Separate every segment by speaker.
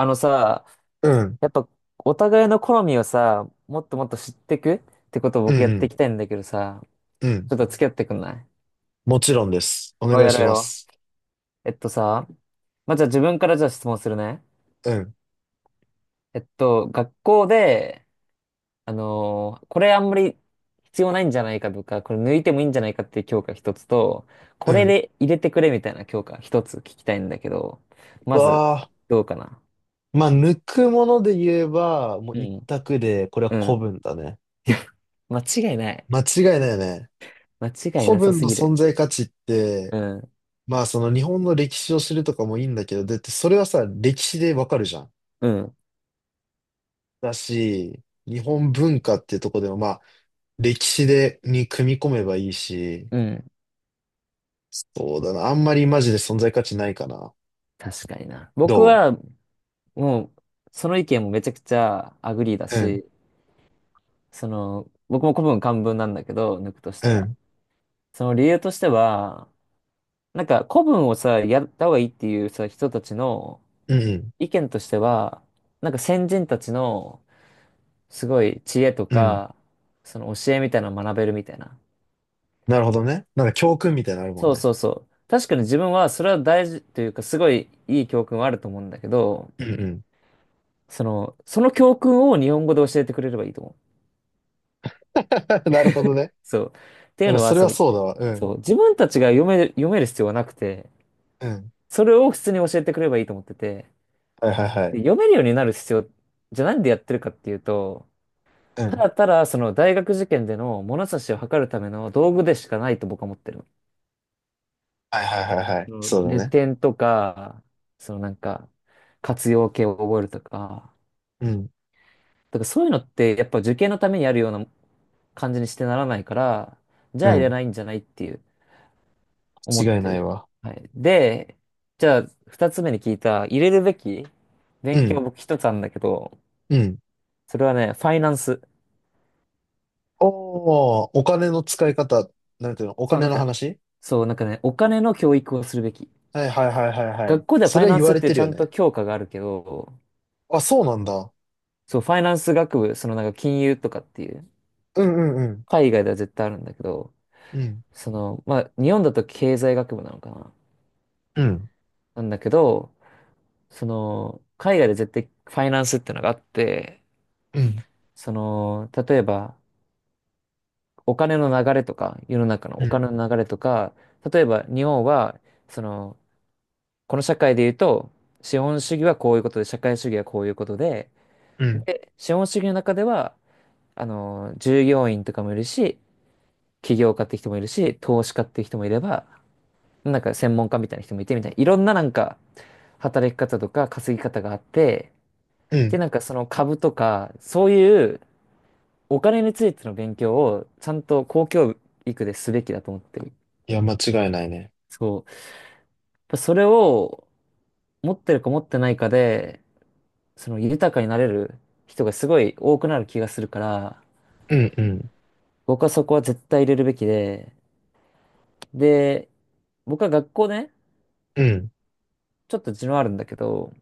Speaker 1: あのさ、
Speaker 2: うん、
Speaker 1: やっぱお互いの好みをさ、もっともっと知ってくってことを
Speaker 2: う
Speaker 1: 僕やってい
Speaker 2: ん、
Speaker 1: きたいんだけどさ、
Speaker 2: うん、うん。
Speaker 1: ちょっと付き合ってくんない？
Speaker 2: もちろんです。お
Speaker 1: お、
Speaker 2: 願い
Speaker 1: やろ
Speaker 2: し
Speaker 1: うや
Speaker 2: ま
Speaker 1: ろ
Speaker 2: す。
Speaker 1: う。えっとさ、まあ、じゃあ自分からじゃあ質問するね。
Speaker 2: うん、
Speaker 1: 学校で、これあんまり必要ないんじゃないかとか、これ抜いてもいいんじゃないかっていう教科一つと、
Speaker 2: う
Speaker 1: これ
Speaker 2: ん。
Speaker 1: で入れてくれみたいな教科一つ聞きたいんだけど、まず、
Speaker 2: わあ。
Speaker 1: どうかな？
Speaker 2: まあ、抜くもので言えば、もう
Speaker 1: う
Speaker 2: 一
Speaker 1: ん。
Speaker 2: 択で、これは
Speaker 1: う
Speaker 2: 古
Speaker 1: ん。
Speaker 2: 文だね。
Speaker 1: 間違いない。
Speaker 2: 間違いないね。
Speaker 1: 間違い
Speaker 2: 古
Speaker 1: なさ
Speaker 2: 文
Speaker 1: す
Speaker 2: の
Speaker 1: ぎる。
Speaker 2: 存在価値って、
Speaker 1: うん。
Speaker 2: まあ、その日本の歴史を知るとかもいいんだけど、だってそれはさ、歴史でわかるじゃん。
Speaker 1: うん。
Speaker 2: だし、日本文化っていうとこでも、まあ、歴史で、に組み込めばいいし、
Speaker 1: うん。
Speaker 2: そうだな。あんまりマジで存在価値ないかな。
Speaker 1: 確かにな。
Speaker 2: ど
Speaker 1: 僕は、もう、その意見もめちゃくちゃアグリーだ
Speaker 2: う、うん、
Speaker 1: し、その、僕も古文漢文なんだけど、抜くとし
Speaker 2: う
Speaker 1: たら。
Speaker 2: ん、
Speaker 1: その理由としては、古文をさ、やった方がいいっていうさ、人たちの
Speaker 2: うん、
Speaker 1: 意見としては、先人たちのすごい知恵と
Speaker 2: うん。
Speaker 1: か、その教えみたいなのを学べるみたいな。
Speaker 2: なるほどね。なんか教訓みたいなのあるもん
Speaker 1: そう
Speaker 2: ね。
Speaker 1: そうそう。確かに自分はそれは大事というか、すごいいい教訓はあると思うんだけど、
Speaker 2: うんうん。
Speaker 1: その、その教訓を日本語で教えてくれればいいと思う。
Speaker 2: なるほどね。
Speaker 1: そう。ってい
Speaker 2: で
Speaker 1: う
Speaker 2: も
Speaker 1: のは、
Speaker 2: それ
Speaker 1: そ
Speaker 2: は
Speaker 1: の、
Speaker 2: そうだわ。うん。
Speaker 1: そう、自分たちが読める、読める必要はなくて、
Speaker 2: うん。
Speaker 1: それを普通に教えてくれればいいと思ってて、
Speaker 2: はいはいは
Speaker 1: で、
Speaker 2: い。
Speaker 1: 読めるようになる必要、じゃあなんでやってるかっていうと、
Speaker 2: う
Speaker 1: た
Speaker 2: ん。
Speaker 1: だただその大学受験での物差しを測るための道具でしかないと僕は思ってる。
Speaker 2: はいはいはいはい。
Speaker 1: うん、
Speaker 2: そう
Speaker 1: レ
Speaker 2: だね。
Speaker 1: 点とか、そのなんか、活用形を覚えるとか、
Speaker 2: うん。
Speaker 1: だからそういうのってやっぱ受験のためにあるような感じにしてならないから、じ
Speaker 2: う
Speaker 1: ゃあいら
Speaker 2: ん。
Speaker 1: ないんじゃないっていう。思っ
Speaker 2: 間違い
Speaker 1: て
Speaker 2: ない
Speaker 1: る。
Speaker 2: わ。
Speaker 1: はい。で、じゃあ、二つ目に聞いた、入れるべき
Speaker 2: う
Speaker 1: 勉強
Speaker 2: ん。
Speaker 1: 僕一つあるんだけど、
Speaker 2: うん。
Speaker 1: それはね、ファイナンス。
Speaker 2: おー、お金の使い方、なんていうの、お
Speaker 1: そう、な
Speaker 2: 金
Speaker 1: ん
Speaker 2: の
Speaker 1: か、
Speaker 2: 話。
Speaker 1: そう、なんかね、お金の教育をするべき。
Speaker 2: はいはいはいはいはい。
Speaker 1: 学校ではフ
Speaker 2: そ
Speaker 1: ァ
Speaker 2: れ
Speaker 1: イ
Speaker 2: は
Speaker 1: ナ
Speaker 2: 言
Speaker 1: ン
Speaker 2: わ
Speaker 1: スっ
Speaker 2: れて
Speaker 1: て
Speaker 2: る
Speaker 1: ちゃ
Speaker 2: よ
Speaker 1: んと
Speaker 2: ね。
Speaker 1: 教科があるけど、
Speaker 2: あ、そうなんだ。
Speaker 1: そう、ファイナンス学部、金融とかっていう、
Speaker 2: うんうんうん。
Speaker 1: 海外では絶対あるんだけど、
Speaker 2: うん。
Speaker 1: その、まあ、日本だと経済学部なのかな
Speaker 2: うん。
Speaker 1: なんだけど、その、海外で絶対ファイナンスってのがあって、
Speaker 2: うん。
Speaker 1: その、例えば、お金の流れとか、世の中の
Speaker 2: う
Speaker 1: お
Speaker 2: ん。
Speaker 1: 金の流れとか、例えば日本は、その、この社会で言うと、資本主義はこういうことで、社会主義はこういうことで、
Speaker 2: うん。
Speaker 1: 資本主義の中では、従業員とかもいるし、起業家って人もいるし、投資家って人もいれば、専門家みたいな人もいてみたいな、いろんな働き方とか稼ぎ方があって、
Speaker 2: う
Speaker 1: で、
Speaker 2: ん。
Speaker 1: その株とか、そういうお金についての勉強をちゃんと公教育ですべきだと思ってる。
Speaker 2: いや、間違いないね。
Speaker 1: そう。それを持ってるか持ってないかで、その豊かになれる人がすごい多くなる気がするから、
Speaker 2: うんうん。
Speaker 1: 僕はそこは絶対入れるべきで、で、僕は学校ね、
Speaker 2: うん。
Speaker 1: ちょっと地のあるんだけど、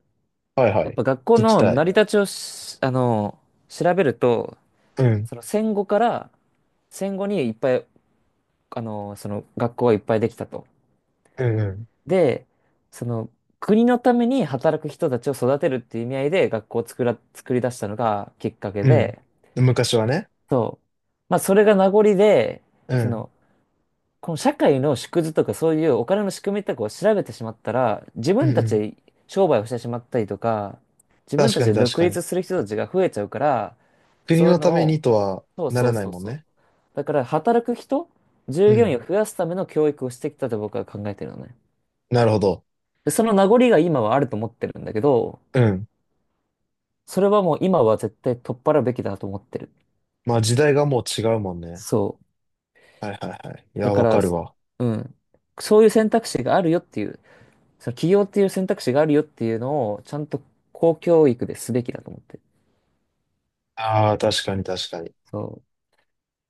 Speaker 2: はいは
Speaker 1: やっ
Speaker 2: い。
Speaker 1: ぱ学校
Speaker 2: 聞き
Speaker 1: の
Speaker 2: た
Speaker 1: 成
Speaker 2: い。
Speaker 1: り立ちをしあの、調べると、
Speaker 2: うん。
Speaker 1: その戦後から、戦後にいっぱい、その学校がいっぱいできたと。
Speaker 2: うんうん。
Speaker 1: で、その国のために働く人たちを育てるっていう意味合いで学校を作ら、作り出したのがきっかけ
Speaker 2: うん。
Speaker 1: で、
Speaker 2: 昔はね。
Speaker 1: そう。まあ、それが名残で、
Speaker 2: う
Speaker 1: そ
Speaker 2: ん。
Speaker 1: の、この社会の縮図とかそういうお金の仕組みとかを調べてしまったら、自
Speaker 2: う
Speaker 1: 分
Speaker 2: ん
Speaker 1: た
Speaker 2: う
Speaker 1: ち
Speaker 2: ん。
Speaker 1: で商売をしてしまったりとか、自分
Speaker 2: 確
Speaker 1: たち
Speaker 2: かに
Speaker 1: で
Speaker 2: 確
Speaker 1: 独
Speaker 2: かに。
Speaker 1: 立する人たちが増えちゃうから、
Speaker 2: 国
Speaker 1: そうい
Speaker 2: の
Speaker 1: うの
Speaker 2: ため
Speaker 1: を、
Speaker 2: にとは
Speaker 1: そう
Speaker 2: な
Speaker 1: そ
Speaker 2: ら
Speaker 1: う
Speaker 2: ない
Speaker 1: そう
Speaker 2: もん
Speaker 1: そう。
Speaker 2: ね。
Speaker 1: だから、働く人、従
Speaker 2: う
Speaker 1: 業員
Speaker 2: ん。
Speaker 1: を増やすための教育をしてきたと僕は考えてるのね。
Speaker 2: なるほど。
Speaker 1: で、その名残が今はあると思ってるんだけど、
Speaker 2: うん。
Speaker 1: それはもう今は絶対取っ払うべきだと思ってる。
Speaker 2: まあ時代がもう違うもんね。
Speaker 1: そう。
Speaker 2: はいはいはい。い
Speaker 1: だ
Speaker 2: や、
Speaker 1: か
Speaker 2: わか
Speaker 1: ら、
Speaker 2: るわ。
Speaker 1: うん。そういう選択肢があるよっていう、その起業っていう選択肢があるよっていうのを、ちゃんと公教育ですべきだと思ってる。
Speaker 2: ああ、確かに確かに。
Speaker 1: そ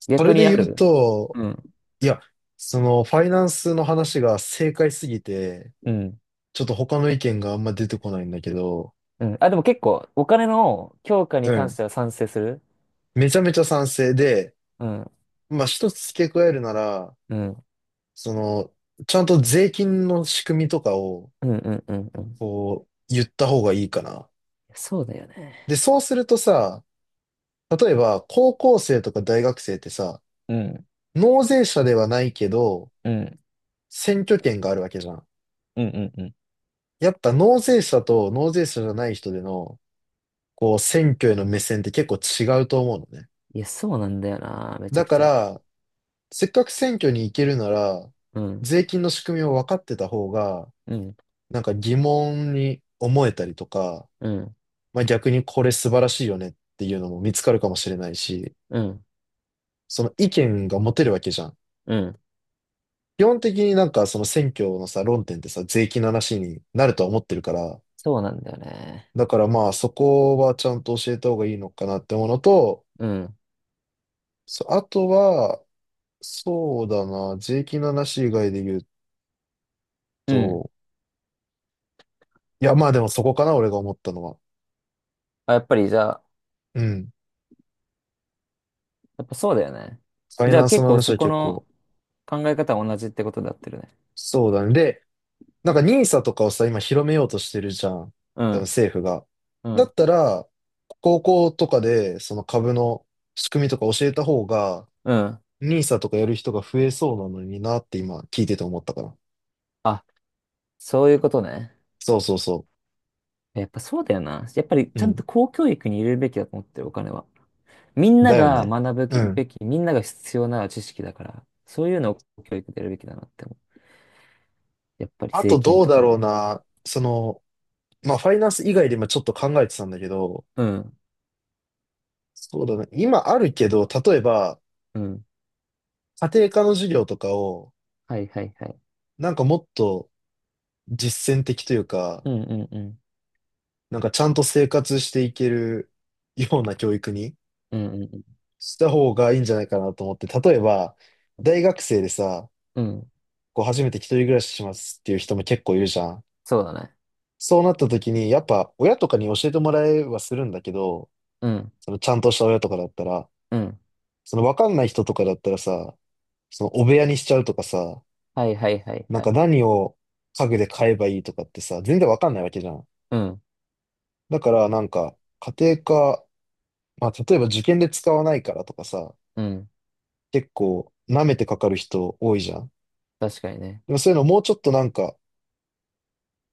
Speaker 1: う。
Speaker 2: それ
Speaker 1: 逆
Speaker 2: で
Speaker 1: にあ
Speaker 2: 言う
Speaker 1: る
Speaker 2: と、
Speaker 1: うん。
Speaker 2: いや、その、ファイナンスの話が正解すぎて、
Speaker 1: うん。
Speaker 2: ちょっと他の意見があんま出てこないんだけど、
Speaker 1: うん。あ、でも結構、お金の強化
Speaker 2: う
Speaker 1: に関し
Speaker 2: ん。
Speaker 1: ては賛成する。
Speaker 2: めちゃめちゃ賛成で、
Speaker 1: うん。
Speaker 2: まあ一つ付け加えるなら、
Speaker 1: うん。
Speaker 2: その、ちゃんと税金の仕組みとかを、
Speaker 1: うんうんうんうん。
Speaker 2: こう、言った方がいいかな。
Speaker 1: そうだよ
Speaker 2: で、
Speaker 1: ね。
Speaker 2: そうするとさ、例えば、高校生とか大学生ってさ、
Speaker 1: うん。
Speaker 2: 納税者ではないけど、
Speaker 1: うん。
Speaker 2: 選挙権があるわけじゃん。
Speaker 1: うんうんうん。
Speaker 2: やっぱ納税者と納税者じゃない人での、こう、選挙への目線って結構違うと思うのね。
Speaker 1: いや、そうなんだよな。めちゃ
Speaker 2: だ
Speaker 1: く
Speaker 2: か
Speaker 1: ちゃ。
Speaker 2: ら、せっかく選挙に行けるなら、
Speaker 1: うん。
Speaker 2: 税金の仕組みを分かってた方が、
Speaker 1: うん。
Speaker 2: なんか疑問に思えたりとか、
Speaker 1: うん。
Speaker 2: まあ逆にこれ素晴らしいよねっていうのも見つかるかもしれないし、
Speaker 1: うん。
Speaker 2: その意見が持てるわけじゃん。
Speaker 1: うん。
Speaker 2: 基本的になんかその選挙のさ、論点ってさ、税金の話になるとは思ってるから、
Speaker 1: そうなんだよね。
Speaker 2: だからまあそこはちゃんと教えた方がいいのかなってものと、
Speaker 1: うん。
Speaker 2: そう、あとは、そうだな、税金の話以外で言う
Speaker 1: うん。
Speaker 2: と、いやまあでもそこかな、俺が思ったのは。
Speaker 1: あ、やっぱりじゃあ、
Speaker 2: うん。
Speaker 1: やっぱそうだよね。
Speaker 2: ファイ
Speaker 1: じゃ
Speaker 2: ナ
Speaker 1: あ
Speaker 2: ンス
Speaker 1: 結
Speaker 2: の
Speaker 1: 構
Speaker 2: 話
Speaker 1: そ
Speaker 2: は
Speaker 1: こ
Speaker 2: 結
Speaker 1: の
Speaker 2: 構、
Speaker 1: 考え方は同じってことだってるね。
Speaker 2: そうだね。で、なんかニーサとかをさ、今広めようとしてるじゃん。
Speaker 1: う
Speaker 2: 多分
Speaker 1: ん、
Speaker 2: 政府が。
Speaker 1: う
Speaker 2: だ
Speaker 1: ん、
Speaker 2: ったら、高校とかでその株の仕組みとか教えた方が、
Speaker 1: うん。
Speaker 2: ニーサとかやる人が増えそうなのになって今聞いてて思ったから。
Speaker 1: あ、そういうことね。
Speaker 2: そうそうそ
Speaker 1: やっぱそうだよな。やっぱり
Speaker 2: う。う
Speaker 1: ちゃん
Speaker 2: ん。
Speaker 1: と公教育に入れるべきだと思ってる、お金は。みんな
Speaker 2: だよ
Speaker 1: が
Speaker 2: ね。
Speaker 1: 学ぶ
Speaker 2: う
Speaker 1: き
Speaker 2: ん。
Speaker 1: べき、みんなが必要な知識だから、そういうのを公教育でやるべきだなって思う。やっぱり
Speaker 2: あ
Speaker 1: 税
Speaker 2: と
Speaker 1: 金
Speaker 2: どう
Speaker 1: と
Speaker 2: だ
Speaker 1: か
Speaker 2: ろう
Speaker 1: ね。
Speaker 2: な。その、まあファイナンス以外で今ちょっと考えてたんだけど、
Speaker 1: うん、
Speaker 2: そうだね。今あるけど、例えば
Speaker 1: うん。
Speaker 2: 家庭科の授業とかを、
Speaker 1: はいはいはい。
Speaker 2: なんかもっと実践的というか、
Speaker 1: うんうんうん。
Speaker 2: なんかちゃんと生活していける ような教育に
Speaker 1: うんうん
Speaker 2: した方がいいんじゃないかなと思って、例えば、大学生でさ、
Speaker 1: うん。うん。
Speaker 2: こう初めて一人暮らししますっていう人も結構いるじゃん。
Speaker 1: そうだね。
Speaker 2: そうなった時に、やっぱ親とかに教えてもらえはするんだけど、
Speaker 1: うん、
Speaker 2: そのちゃんとした親とかだったら、
Speaker 1: うん。
Speaker 2: そのわかんない人とかだったらさ、そのお部屋にしちゃうとかさ、
Speaker 1: はいはいはい
Speaker 2: なん
Speaker 1: は
Speaker 2: か
Speaker 1: い。
Speaker 2: 何を家具で買えばいいとかってさ、全然わかんないわけじゃん。
Speaker 1: うん、
Speaker 2: だからなんか、家庭科、まあ例えば受験で使わないからとかさ、
Speaker 1: うん。
Speaker 2: 結構舐めてかかる人多いじゃん。
Speaker 1: 確かにね。
Speaker 2: でもそういうのもうちょっとなんか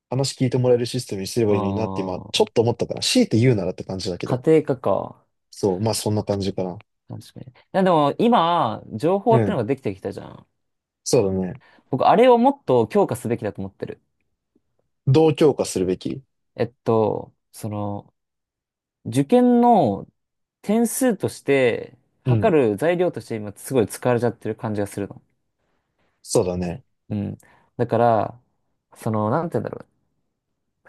Speaker 2: 話聞いてもらえるシステムにすればいいのになって今
Speaker 1: あ
Speaker 2: ちょっ
Speaker 1: あ、
Speaker 2: と思ったから、強いて言うならって感じだけ
Speaker 1: 家
Speaker 2: ど。
Speaker 1: 庭科か。
Speaker 2: そう、まあそんな感じかな。
Speaker 1: 確かに。いやでも今、情報
Speaker 2: う
Speaker 1: っての
Speaker 2: ん。
Speaker 1: ができてきたじゃん。
Speaker 2: そうだね。
Speaker 1: 僕、あれをもっと強化すべきだと思ってる。
Speaker 2: どう強化するべき？
Speaker 1: その、受験の点数として、
Speaker 2: う
Speaker 1: 測
Speaker 2: ん。
Speaker 1: る材料として今すごい使われちゃってる感じがするの。
Speaker 2: そうだね。
Speaker 1: うん。だから、その、なんて言うんだろ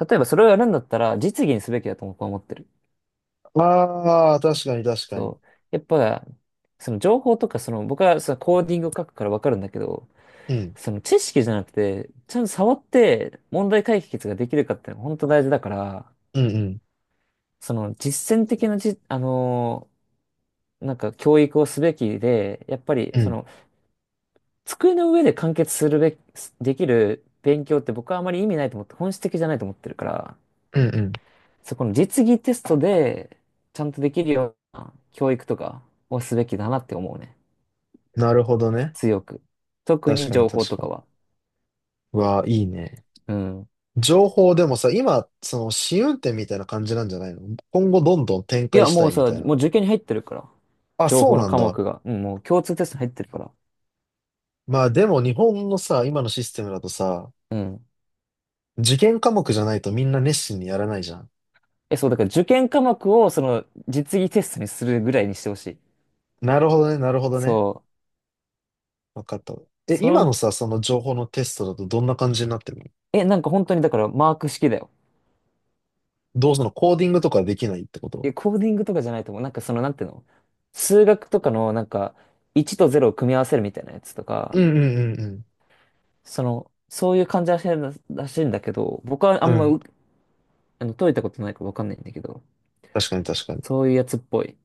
Speaker 1: う。例えばそれをやるんだったら、実技にすべきだと僕は思ってる。
Speaker 2: ああ、確かに確かに。
Speaker 1: そう。やっぱ、その情報とか、その、僕はそのコーディングを書くからわかるんだけど、
Speaker 2: うん。
Speaker 1: その知識じゃなくて、ちゃんと触って問題解決ができるかっていうのが本当大事だから、
Speaker 2: うんうん。
Speaker 1: その実践的なじ、あのー教育をすべきで、やっぱり
Speaker 2: う
Speaker 1: そ
Speaker 2: ん。
Speaker 1: の机の上で完結するべき、できる勉強って僕はあまり意味ないと思って、本質的じゃないと思ってるから、
Speaker 2: うんうん。
Speaker 1: そこの実技テストでちゃんとできるような教育とかをすべきだなって思うね。
Speaker 2: なるほどね。
Speaker 1: 強く。特
Speaker 2: 確
Speaker 1: に
Speaker 2: かに
Speaker 1: 情報
Speaker 2: 確
Speaker 1: と
Speaker 2: か
Speaker 1: か
Speaker 2: に。
Speaker 1: は。
Speaker 2: うわあ、いいね。
Speaker 1: うん。
Speaker 2: 情報でもさ、今、その試運転みたいな感じなんじゃないの？今後どんどん展
Speaker 1: い
Speaker 2: 開
Speaker 1: や、
Speaker 2: し
Speaker 1: も
Speaker 2: た
Speaker 1: う
Speaker 2: いみ
Speaker 1: さ、
Speaker 2: たいな。
Speaker 1: もう受験に入ってるから。
Speaker 2: あ、
Speaker 1: 情
Speaker 2: そ
Speaker 1: 報
Speaker 2: う
Speaker 1: の
Speaker 2: なん
Speaker 1: 科
Speaker 2: だ。
Speaker 1: 目が。うん、もう共通テストに入ってるから。
Speaker 2: まあでも日本のさ、今のシステムだとさ、
Speaker 1: うん。
Speaker 2: 受験科目じゃないとみんな熱心にやらないじゃん。
Speaker 1: え、そう、だから受験科目を、その、実技テストにするぐらいにしてほしい。
Speaker 2: なるほどね、なるほどね。
Speaker 1: そう。
Speaker 2: わかった。え、
Speaker 1: そ
Speaker 2: 今
Speaker 1: の、
Speaker 2: のさ、その情報のテストだとどんな感じになってるの？
Speaker 1: え、なんか本当にだからマーク式だよ。
Speaker 2: どうそのコーディングとかできないってこと？
Speaker 1: え、コーディングとかじゃないと思う。なんていうの？数学とかの、なんか、1と0を組み合わせるみたいなやつと
Speaker 2: う
Speaker 1: か、
Speaker 2: んうんうん
Speaker 1: その、そういう感じらしいらしいんだけど、僕はあ
Speaker 2: うん。
Speaker 1: ん
Speaker 2: う
Speaker 1: ま
Speaker 2: ん。
Speaker 1: う、あの、解いたことないからわかんないんだけど、
Speaker 2: 確かに確かに。
Speaker 1: そういうやつっぽい。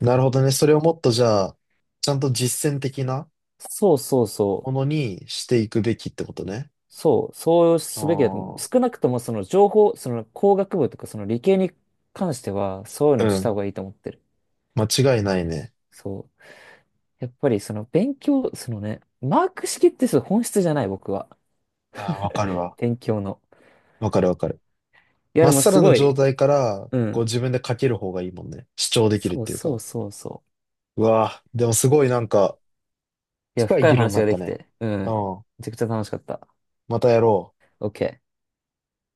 Speaker 2: なるほどね。それをもっとじゃあ、ちゃんと実践的な
Speaker 1: そうそうそ
Speaker 2: も
Speaker 1: う。
Speaker 2: のにしていくべきってことね。
Speaker 1: そう、そうすべきだと思う。
Speaker 2: ああ。
Speaker 1: 少なくともその情報、その工学部とかその理系に関しては、そういう
Speaker 2: う
Speaker 1: のをした
Speaker 2: ん。
Speaker 1: 方がいいと思ってる。
Speaker 2: 間違いないね。
Speaker 1: そう。やっぱりその勉強、そのね、マーク式ってそう本質じゃない、僕は。
Speaker 2: ああ、わかるわ。
Speaker 1: 勉強の。
Speaker 2: わかるわかる。
Speaker 1: いや、
Speaker 2: ま
Speaker 1: で
Speaker 2: っ
Speaker 1: も
Speaker 2: さ
Speaker 1: す
Speaker 2: らな
Speaker 1: ご
Speaker 2: 状
Speaker 1: い、
Speaker 2: 態から、
Speaker 1: う
Speaker 2: こう
Speaker 1: ん。
Speaker 2: 自分で書ける方がいいもんね。主張できるっ
Speaker 1: そう
Speaker 2: ていう
Speaker 1: そ
Speaker 2: か。
Speaker 1: うそうそ
Speaker 2: うわぁ、でもすごいなんか、
Speaker 1: う。いや、
Speaker 2: 深い
Speaker 1: 深い
Speaker 2: 議論に
Speaker 1: 話
Speaker 2: な
Speaker 1: が
Speaker 2: っ
Speaker 1: で
Speaker 2: た
Speaker 1: き
Speaker 2: ね。
Speaker 1: て、う
Speaker 2: う
Speaker 1: ん。
Speaker 2: ん。
Speaker 1: めちゃくちゃ楽しかった。
Speaker 2: またやろう。
Speaker 1: OK。